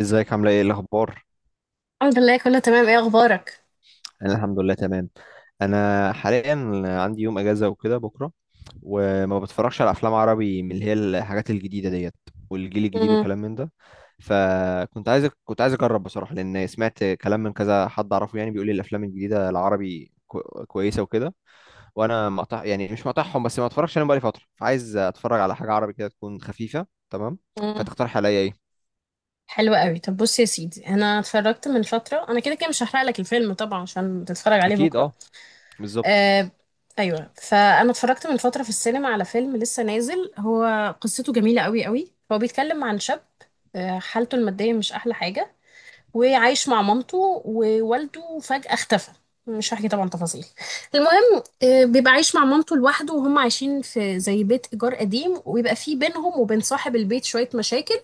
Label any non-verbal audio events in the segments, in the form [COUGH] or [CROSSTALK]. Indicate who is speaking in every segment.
Speaker 1: ازيك؟ عامله ايه؟ إيه الاخبار؟
Speaker 2: الحمد لله كله تمام. ايه اخبارك؟
Speaker 1: انا الحمد لله تمام. انا حاليا عندي يوم اجازه وكده بكره، وما بتفرجش على افلام عربي، من اللي هي الحاجات الجديده ديت والجيل الجديد
Speaker 2: امم
Speaker 1: وكلام من ده. فكنت عايز، كنت عايز اجرب بصراحه، لان سمعت كلام من كذا حد اعرفه، يعني بيقول لي الافلام الجديده العربي كويسه وكده. وانا مقطع، يعني مش مقطعهم بس ما اتفرجش عليهم بقالي فتره، فعايز اتفرج على حاجه عربي كده تكون خفيفه. تمام،
Speaker 2: امم
Speaker 1: فتقترح عليا ايه؟
Speaker 2: حلو قوي. طب بص يا سيدي، انا اتفرجت من فتره، انا كده كده مش هحرق لك الفيلم طبعا عشان تتفرج عليه
Speaker 1: اكيد،
Speaker 2: بكره.
Speaker 1: اه، بالظبط.
Speaker 2: آه، ايوه، فانا اتفرجت من فتره في السينما على فيلم لسه نازل. هو قصته جميله قوي قوي. هو بيتكلم عن شاب، حالته الماديه مش احلى حاجه، وعايش مع مامته، ووالده فجأة اختفى. مش هحكي طبعا تفاصيل. المهم، بيبقى عايش مع مامته لوحده، وهم عايشين في زي بيت إيجار قديم، ويبقى في بينهم وبين صاحب البيت شوية مشاكل.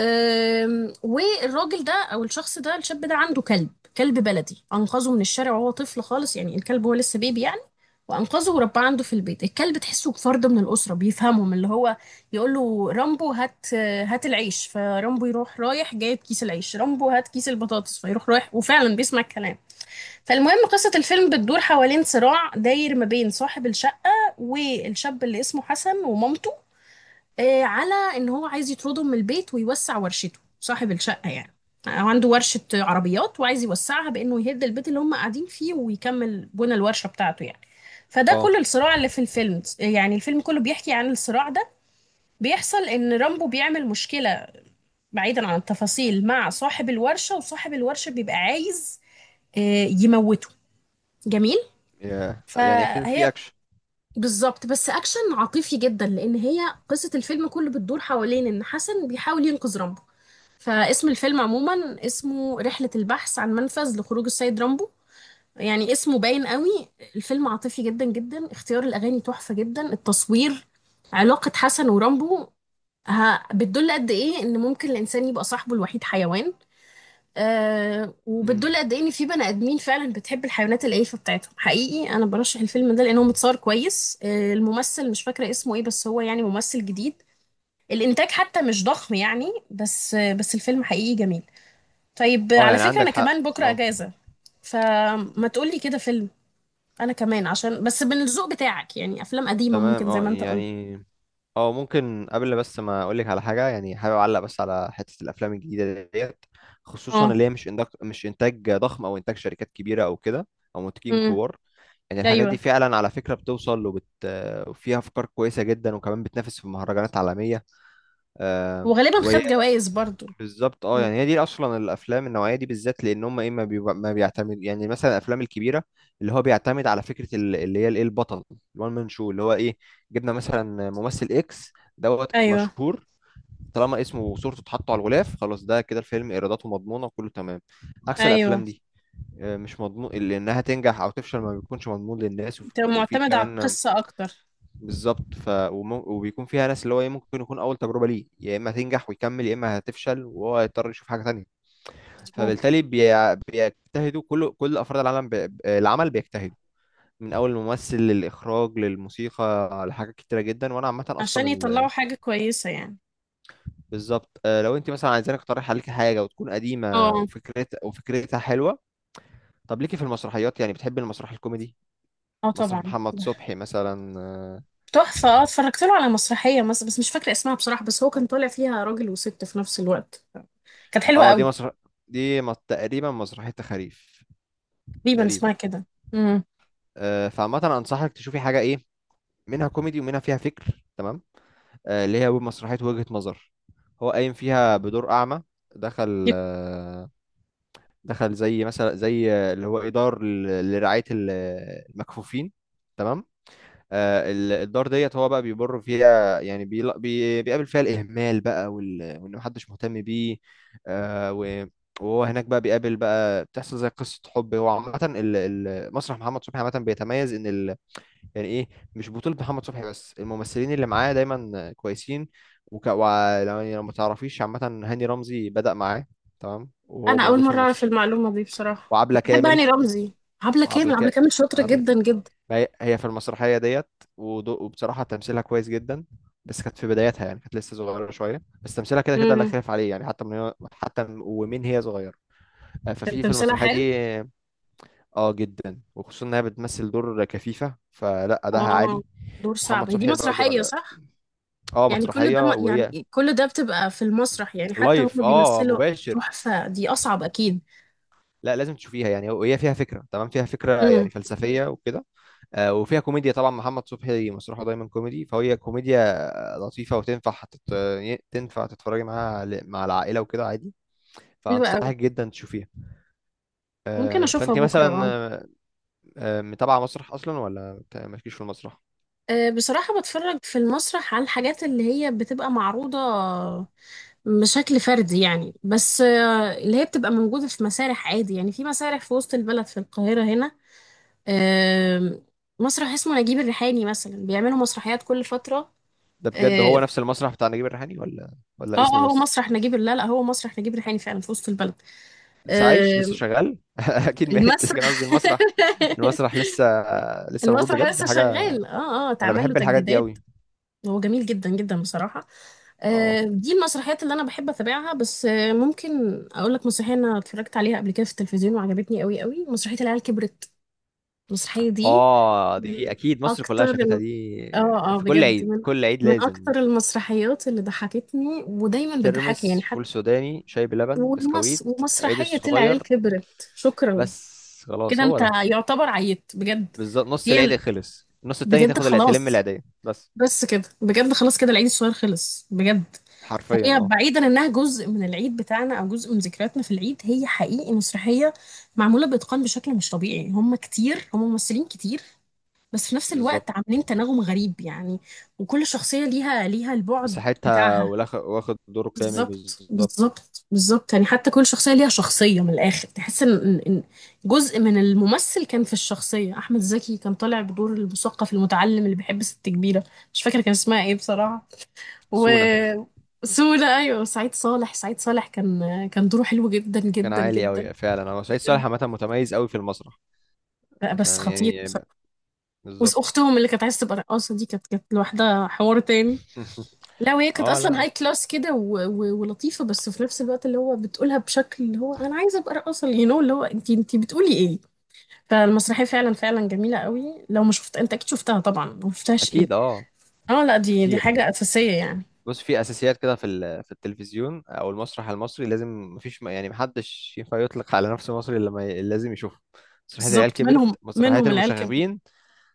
Speaker 2: والراجل ده او الشخص ده الشاب ده عنده كلب. كلب بلدي انقذه من الشارع وهو طفل خالص، يعني الكلب هو لسه بيبي يعني. وانقذه ورباه عنده في البيت. الكلب تحسه فرد من الاسره، بيفهمهم اللي هو يقول له رامبو هات، هات العيش، فرامبو يروح رايح جايب كيس العيش، رامبو هات كيس البطاطس فيروح رايح، وفعلا بيسمع الكلام. فالمهم قصه الفيلم بتدور حوالين صراع داير ما بين صاحب الشقه والشاب اللي اسمه حسن ومامته، على ان هو عايز يطردهم من البيت ويوسع ورشته صاحب الشقه يعني. هو عنده ورشه عربيات وعايز يوسعها بانه يهد البيت اللي هم قاعدين فيه ويكمل بنى الورشه بتاعته يعني. فده
Speaker 1: اه،
Speaker 2: كل الصراع اللي في الفيلم، يعني الفيلم كله بيحكي عن الصراع ده. بيحصل ان رامبو بيعمل مشكله، بعيدا عن التفاصيل، مع صاحب الورشه، وصاحب الورشه بيبقى عايز، يموته. جميل.
Speaker 1: يعني فيلم
Speaker 2: فهي
Speaker 1: فيه اكشن.
Speaker 2: بالظبط، بس اكشن عاطفي جدا، لان هي قصه الفيلم كله بتدور حوالين ان حسن بيحاول ينقذ رامبو. فاسم الفيلم عموما اسمه رحلة البحث عن منفذ لخروج السيد رامبو، يعني اسمه باين قوي. الفيلم عاطفي جدا جدا، اختيار الأغاني تحفة جدا، التصوير، علاقة حسن ورامبو ها، بتدل قد ايه ان ممكن الانسان يبقى صاحبه الوحيد حيوان.
Speaker 1: مم.
Speaker 2: وبتدل قد ايه ان في بني ادمين فعلا بتحب الحيوانات الاليفه بتاعتهم حقيقي. انا برشح الفيلم ده لانه متصور كويس. الممثل مش فاكره اسمه ايه، بس هو يعني ممثل جديد. الانتاج حتى مش ضخم يعني، بس بس الفيلم حقيقي جميل. طيب
Speaker 1: اه
Speaker 2: على
Speaker 1: يعني
Speaker 2: فكرة
Speaker 1: عندك
Speaker 2: أنا
Speaker 1: حق،
Speaker 2: كمان بكرة
Speaker 1: اه،
Speaker 2: أجازة، فما تقولي كده فيلم. أنا كمان عشان بس من الذوق بتاعك يعني أفلام قديمة
Speaker 1: تمام،
Speaker 2: ممكن زي
Speaker 1: اه
Speaker 2: ما أنت قلت.
Speaker 1: يعني. اه، ممكن قبل بس ما اقولك على حاجه، يعني حابب اعلق بس على حته الافلام الجديده ديت. خصوصا
Speaker 2: اه.
Speaker 1: اللي هي مش مش انتاج ضخم، او انتاج شركات كبيره او كده، او منتجين
Speaker 2: امم.
Speaker 1: كبار. يعني الحاجات دي
Speaker 2: أيوه.
Speaker 1: فعلا على فكره بتوصل وفيها افكار كويسه جدا، وكمان بتنافس في مهرجانات عالميه. آه،
Speaker 2: وغالبا
Speaker 1: وهي
Speaker 2: خد جوائز برضو.
Speaker 1: بالظبط. اه يعني
Speaker 2: مم.
Speaker 1: هي دي اصلا الافلام النوعيه دي بالذات، لان هم ايه، ما, بيبقى ما بيعتمد، يعني مثلا الافلام الكبيره اللي هو بيعتمد على فكره اللي هي الايه البطل، الوان مان شو اللي هو ايه، جبنا مثلا ممثل اكس دوت
Speaker 2: أيوه،
Speaker 1: مشهور، طالما اسمه وصورته اتحطوا على الغلاف خلاص ده كده الفيلم ايراداته مضمونه وكله تمام. عكس
Speaker 2: أيوه،
Speaker 1: الافلام دي، آه، مش مضمون اللي انها تنجح او تفشل، ما بيكونش مضمون للناس.
Speaker 2: بتبقى
Speaker 1: وفي
Speaker 2: معتمدة على
Speaker 1: كمان،
Speaker 2: القصة أكتر.
Speaker 1: بالظبط. وبيكون فيها ناس اللي هو ايه، ممكن يكون اول تجربه ليه، يا اما تنجح ويكمل، يا اما هتفشل وهو هيضطر يشوف حاجه تانية.
Speaker 2: مظبوط.
Speaker 1: فبالتالي بيجتهدوا كل افراد العالم. العمل بيجتهدوا من اول الممثل للاخراج للموسيقى لحاجات كتيره جدا. وانا عامه اصلا
Speaker 2: عشان يطلعوا حاجة كويسة يعني.
Speaker 1: بالظبط. آه، لو انت مثلا عايزاني اقترح عليك حاجه وتكون قديمه،
Speaker 2: اه.
Speaker 1: وفكرت وفكرتها حلوه. طب ليكي في المسرحيات، يعني بتحبي المسرح الكوميدي؟
Speaker 2: اه
Speaker 1: مسرح
Speaker 2: طبعا.
Speaker 1: محمد صبحي مثلا. اه،
Speaker 2: تحفة، اه، اتفرجت له على مسرحية مثلا بس مش فاكرة اسمها بصراحة، بس هو كان طالع فيها راجل وست في نفس الوقت. كانت حلوة
Speaker 1: آه، دي
Speaker 2: قوي.
Speaker 1: مسرح، تقريبا مسرحيه تخاريف.
Speaker 2: تقريبا
Speaker 1: تقريبا.
Speaker 2: اسمها كده. امم.
Speaker 1: آه، فعامه انصحك تشوفي حاجه ايه، منها كوميدي ومنها فيها فكر. تمام، آه، اللي هي مسرحية وجهة نظر. هو قايم فيها بدور أعمى، دخل، آه، دخل زي مثلا، زي آه، اللي هو إدار لرعاية المكفوفين. تمام، آه، الدار ديت هو بقى بيمر فيها، يعني بيقابل فيها الإهمال بقى، وإن محدش مهتم بيه. آه، وهو هناك بقى بيقابل بقى، بتحصل زي قصة حب. هو عامة مسرح محمد صبحي عامة بيتميز يعني ايه، مش بطولة محمد صبحي بس، الممثلين اللي معاه دايما كويسين. يعني لو ما تعرفيش، عامة هاني رمزي بدأ معاه. تمام، وهو
Speaker 2: انا اول
Speaker 1: موجود في
Speaker 2: مره اعرف
Speaker 1: المسرح.
Speaker 2: المعلومه دي بصراحه.
Speaker 1: وعبلة
Speaker 2: بحب هاني
Speaker 1: كامل،
Speaker 2: رمزي. عبله
Speaker 1: وعبلة
Speaker 2: كامل عبله
Speaker 1: ك...
Speaker 2: كامل شاطره
Speaker 1: عبلة
Speaker 2: جدا
Speaker 1: كامل.
Speaker 2: جدا.
Speaker 1: ما هي، هي في المسرحية ديت. وبصراحة تمثيلها كويس جدا، بس كانت في بدايتها يعني، كانت لسه صغيرة شوية، بس تمثيلها كده كده لا
Speaker 2: امم.
Speaker 1: خلاف عليه، يعني حتى حتى ومن هي صغيرة. آه،
Speaker 2: كان
Speaker 1: ففي
Speaker 2: تمثيلها
Speaker 1: المسرحية
Speaker 2: حلو.
Speaker 1: دي، اه جدا، وخصوصا انها بتمثل دور كفيفة، فلا أداءها
Speaker 2: اه.
Speaker 1: عالي.
Speaker 2: دور صعب.
Speaker 1: محمد
Speaker 2: هي دي
Speaker 1: صبحي برضو،
Speaker 2: مسرحيه صح؟
Speaker 1: اه
Speaker 2: يعني كل ده
Speaker 1: مسرحية. وهي
Speaker 2: يعني كل ده بتبقى في المسرح، يعني حتى
Speaker 1: لايف،
Speaker 2: هما
Speaker 1: اه،
Speaker 2: بيمثلوا.
Speaker 1: مباشر.
Speaker 2: تحفه، دي اصعب اكيد.
Speaker 1: لا، لازم تشوفيها يعني، وهي فيها فكرة. تمام، فيها فكرة
Speaker 2: امم.
Speaker 1: يعني فلسفية وكده. آه وفيها كوميديا طبعا، محمد صبحي مسرحه دايما كوميدي، فهي كوميديا لطيفة، تنفع تتفرجي معاها مع العائلة وكده عادي.
Speaker 2: حلوه قوي،
Speaker 1: فأنصحك جدا تشوفيها.
Speaker 2: ممكن
Speaker 1: آه
Speaker 2: اشوفها
Speaker 1: فأنت
Speaker 2: بكره
Speaker 1: مثلا،
Speaker 2: اه.
Speaker 1: آه، آه، متابعة مسرح أصلا ولا مالكيش في المسرح؟
Speaker 2: آه، بصراحه بتفرج في المسرح على الحاجات اللي هي بتبقى معروضه بشكل فردي يعني، بس آه، اللي هي بتبقى موجوده في مسارح عادي، يعني في مسارح في وسط البلد، في القاهره هنا. آم، مسرح اسمه نجيب الريحاني مثلا، بيعملوا مسرحيات كل فترة.
Speaker 1: ده بجد هو
Speaker 2: اه.
Speaker 1: نفس المسرح بتاع نجيب الريحاني، ولا
Speaker 2: اه
Speaker 1: ولا
Speaker 2: آه،
Speaker 1: اسم
Speaker 2: هو
Speaker 1: بس؟
Speaker 2: مسرح نجيب، لا لا، هو مسرح نجيب الريحاني فعلا في وسط البلد.
Speaker 1: لسه عايش، لسه
Speaker 2: آم،
Speaker 1: شغال [LAUGHS] اكيد ميت، لكن قصدي
Speaker 2: المسرح.
Speaker 1: المسرح. المسرح
Speaker 2: [LAUGHS]
Speaker 1: لسه، لسه موجود
Speaker 2: المسرح
Speaker 1: بجد
Speaker 2: لسه
Speaker 1: حاجه.
Speaker 2: شغال اه، اه،
Speaker 1: انا
Speaker 2: اتعمل له
Speaker 1: بحب الحاجات دي
Speaker 2: تجديدات.
Speaker 1: قوي.
Speaker 2: هو جميل جدا جدا بصراحة. آه،
Speaker 1: اه،
Speaker 2: دي المسرحيات اللي انا بحب اتابعها. بس آه، ممكن اقول لك مسرحيه انا اتفرجت عليها قبل كده في التلفزيون وعجبتني قوي قوي، مسرحيه العيال كبرت. المسرحيه دي
Speaker 1: اه، دي
Speaker 2: من
Speaker 1: اكيد مصر كلها
Speaker 2: اكتر،
Speaker 1: شافتها دي.
Speaker 2: اه اه،
Speaker 1: في كل
Speaker 2: بجد
Speaker 1: عيد،
Speaker 2: من
Speaker 1: كل عيد
Speaker 2: من
Speaker 1: لازم
Speaker 2: اكتر
Speaker 1: دي.
Speaker 2: المسرحيات اللي ضحكتني ودايما بتضحكني يعني.
Speaker 1: ترمس،
Speaker 2: حتى
Speaker 1: فول سوداني، شاي بلبن، بسكويت. عيد
Speaker 2: ومسرحية العيال
Speaker 1: الصغير،
Speaker 2: كبرت، شكرا،
Speaker 1: بس
Speaker 2: كده
Speaker 1: خلاص هو
Speaker 2: انت
Speaker 1: ده.
Speaker 2: يعتبر عيت بجد.
Speaker 1: بالظبط، نص
Speaker 2: هي
Speaker 1: العيد
Speaker 2: ال-
Speaker 1: خلص، النص التاني
Speaker 2: بجد
Speaker 1: تاخد تلم
Speaker 2: خلاص.
Speaker 1: العيدية بس.
Speaker 2: بس كده بجد خلاص، كده العيد الصغير خلص بجد.
Speaker 1: حرفيا،
Speaker 2: فهي
Speaker 1: اه.
Speaker 2: بعيدا انها جزء من العيد بتاعنا او جزء من ذكرياتنا في العيد، هي حقيقي مسرحية معمولة بإتقان بشكل مش طبيعي. هم كتير، هم ممثلين كتير، بس في نفس
Speaker 1: بالظبط،
Speaker 2: الوقت عاملين تناغم غريب يعني. وكل شخصية ليها البعد
Speaker 1: مساحتها
Speaker 2: بتاعها.
Speaker 1: واخد دوره كامل،
Speaker 2: بالظبط،
Speaker 1: بالظبط.
Speaker 2: بالظبط، بالظبط. يعني حتى كل شخصية ليها شخصية من الآخر، تحس إن إن جزء من الممثل كان في الشخصية. أحمد زكي كان طالع بدور المثقف المتعلم اللي بيحب ست كبيرة، مش فاكرة كان اسمها إيه بصراحة. و
Speaker 1: سونا.
Speaker 2: سودا أيوه، سعيد صالح، سعيد صالح كان، كان دوره حلو جدا
Speaker 1: كان
Speaker 2: جدا
Speaker 1: عالي
Speaker 2: جدا.
Speaker 1: قوي فعلا، هو سعيد
Speaker 2: بجد.
Speaker 1: صالح عامه متميز قوي في المسرح.
Speaker 2: لا، بس
Speaker 1: فاهم
Speaker 2: خطير
Speaker 1: يعني،
Speaker 2: بصراحة.
Speaker 1: بالظبط.
Speaker 2: وأختهم اللي كانت عايزة تبقى رقاصة دي، كانت لوحدها حوار تاني. لا،
Speaker 1: [LAUGHS]
Speaker 2: وهي كانت
Speaker 1: اه
Speaker 2: اصلا
Speaker 1: لا،
Speaker 2: هاي كلاس كده ولطيفه، بس في نفس الوقت اللي هو بتقولها بشكل اللي هو انا عايزه ابقى رقاصه يو نو، اللي هو انت بتقولي ايه. فالمسرحيه فعلا جميله قوي. لو ما شفت، انت اكيد شفتها طبعا، ما شفتهاش ايه.
Speaker 1: اكيد اه،
Speaker 2: اه لا، دي
Speaker 1: كتير.
Speaker 2: حاجه اساسيه يعني.
Speaker 1: بص، في اساسيات كده في في التلفزيون او المسرح المصري لازم، مفيش يعني محدش ينفع يطلق على نفسه مصري الا لما لازم يشوفه. مسرحيه العيال
Speaker 2: بالظبط،
Speaker 1: كبرت،
Speaker 2: منهم
Speaker 1: مسرحيه
Speaker 2: منهم العيال كانت
Speaker 1: المشاغبين.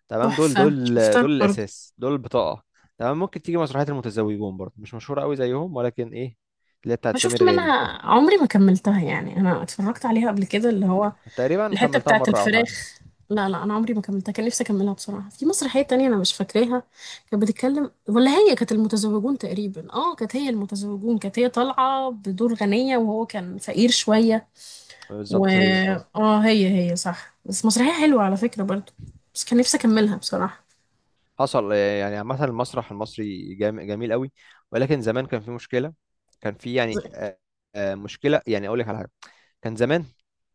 Speaker 1: تمام، دول
Speaker 2: تحفه، شفتها
Speaker 1: دول
Speaker 2: برضه.
Speaker 1: الاساس، دول البطاقه. تمام، ممكن تيجي مسرحيه المتزوجون برضه، مش مشهوره قوي زيهم، ولكن ايه، اللي هي بتاعت
Speaker 2: ما شفت
Speaker 1: سمير غانم.
Speaker 2: منها، عمري ما كملتها يعني. انا اتفرجت عليها قبل كده، اللي
Speaker 1: مم،
Speaker 2: هو
Speaker 1: تقريبا
Speaker 2: الحتة
Speaker 1: كملتها
Speaker 2: بتاعت
Speaker 1: مره او حاجه.
Speaker 2: الفراخ. لا لا، انا عمري ما كملتها، كان نفسي اكملها بصراحة. في مسرحية تانية انا مش فاكراها، كانت بتتكلم ولا هي كانت المتزوجون تقريبا. اه، كانت هي المتزوجون، كانت هي طالعة بدور غنية وهو كان فقير شوية. و
Speaker 1: بالظبط، هي اه.
Speaker 2: اه، هي صح. بس مسرحية حلوة على فكرة برضو، بس كان نفسي اكملها بصراحة.
Speaker 1: حصل، آه، يعني عامة المسرح المصري جميل قوي، ولكن زمان كان في مشكلة. كان في يعني، آه، آه، مشكلة. يعني أقول لك على حاجة، كان زمان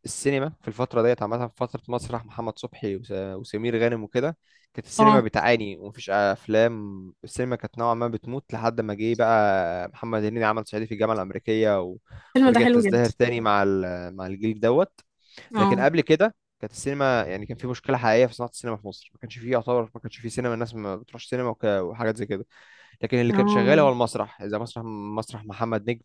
Speaker 1: السينما في الفترة ديت، عامة في فترة مسرح محمد صبحي، وسمير غانم وكده، كانت السينما
Speaker 2: اه
Speaker 1: بتعاني، ومفيش أفلام. السينما كانت نوعا ما بتموت، لحد ما جه بقى محمد هنيدي عمل صعيدي في الجامعة الأمريكية
Speaker 2: الفيلم ده
Speaker 1: ورجعت
Speaker 2: حلو جدا.
Speaker 1: تزدهر تاني مع مع الجيل دوت. لكن
Speaker 2: اه.
Speaker 1: قبل كده كانت السينما، يعني كان في مشكله حقيقيه في صناعه السينما في مصر، ما كانش فيه يعتبر، ما كانش فيه سينما، الناس ما بتروحش سينما، وحاجات زي كده. لكن اللي كان شغال
Speaker 2: اه،
Speaker 1: هو المسرح، زي مسرح محمد نجم،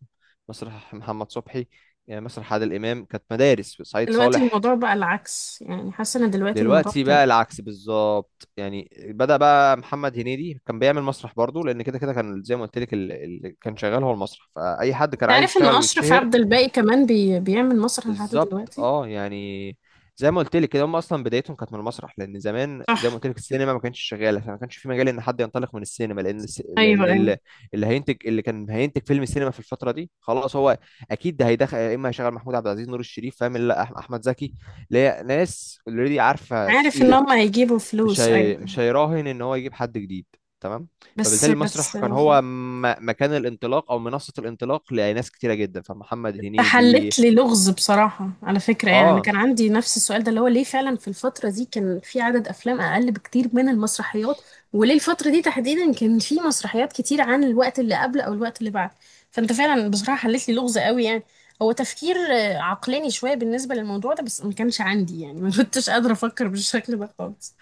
Speaker 1: مسرح محمد صبحي، يعني مسرح عادل امام، كانت مدارس، سعيد
Speaker 2: دلوقتي
Speaker 1: صالح.
Speaker 2: الموضوع بقى العكس، يعني حاسة ان دلوقتي الموضوع
Speaker 1: دلوقتي بقى
Speaker 2: اختلف.
Speaker 1: العكس بالظبط، يعني بدأ بقى محمد هنيدي كان بيعمل مسرح برضه، لان كده كده كان زي ما قلت لك اللي كان شغال هو المسرح، فاي حد كان عايز
Speaker 2: تعرف ان
Speaker 1: يشتغل
Speaker 2: اشرف
Speaker 1: ويتشهر.
Speaker 2: عبد الباقي كمان بيعمل مسرح لحد
Speaker 1: بالظبط،
Speaker 2: دلوقتي.
Speaker 1: اه يعني زي ما قلت لك كده، هم اصلا بدايتهم كانت من المسرح، لان زمان زي ما
Speaker 2: صح.
Speaker 1: قلت لك السينما ما كانتش شغاله، فما كانش في مجال ان حد ينطلق من السينما، لان
Speaker 2: ايوه،
Speaker 1: لان
Speaker 2: ايوه.
Speaker 1: اللي هينتج، اللي كان هينتج فيلم سينما في الفتره دي خلاص هو اكيد ده هيدخل، يا اما هيشغل محمود عبد العزيز، نور الشريف، فاهم، لا احمد زكي، اللي هي ناس اوريدي عارفه
Speaker 2: عارف ان
Speaker 1: تقيله.
Speaker 2: هم هيجيبوا فلوس، ايوه، أيوة.
Speaker 1: مش هيراهن ان هو يجيب حد جديد. تمام،
Speaker 2: بس
Speaker 1: فبالتالي المسرح
Speaker 2: بس
Speaker 1: كان
Speaker 2: آه،
Speaker 1: هو مكان الانطلاق، او منصه الانطلاق لناس كتيره جدا، فمحمد
Speaker 2: تحلت
Speaker 1: هنيدي.
Speaker 2: لي لغز بصراحه على فكره. يعني انا
Speaker 1: اه
Speaker 2: كان عندي نفس السؤال ده، اللي هو ليه فعلا في الفتره دي كان في عدد افلام اقل بكتير من المسرحيات، وليه الفتره دي تحديدا كان في مسرحيات كتير عن الوقت اللي قبل او الوقت اللي بعد. فانت فعلا بصراحه حلت لي لغز قوي يعني. هو تفكير آه، عقلاني شويه بالنسبه للموضوع ده، بس ما كانش عندي يعني [LAUGHS] ما كنتش قادره افكر بالشكل ده خالص.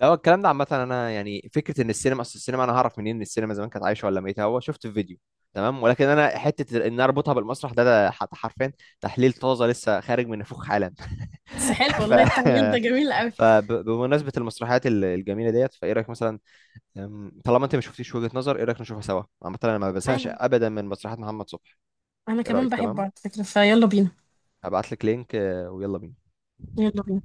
Speaker 1: لا، هو الكلام ده عامة، أنا يعني فكرة إن السينما، أصل السينما أنا هعرف منين إن السينما زمان كانت عايشة ولا ميتة، هو شفت في فيديو. تمام، ولكن أنا حتة إن أنا أربطها بالمسرح ده, ده حرفيا تحليل طازة لسه خارج من نافوخ حالا.
Speaker 2: بس حلو
Speaker 1: [LAUGHS] ف
Speaker 2: والله، التعليل ده جميل قوي.
Speaker 1: فبمناسبة المسرحيات الجميلة ديت، فإيه رأيك مثلا، أم، طالما أنت ما شفتيش وجهة نظر، إيه رأيك نشوفها سوا؟ عامة أنا ما بزهقش أبدا من مسرحيات محمد صبحي.
Speaker 2: انا
Speaker 1: إيه
Speaker 2: كمان
Speaker 1: رأيك؟
Speaker 2: بحبه
Speaker 1: تمام،
Speaker 2: على فكرة، فيلا بينا.
Speaker 1: هبعت لك لينك، آه، ويلا بينا.
Speaker 2: يلا بينا.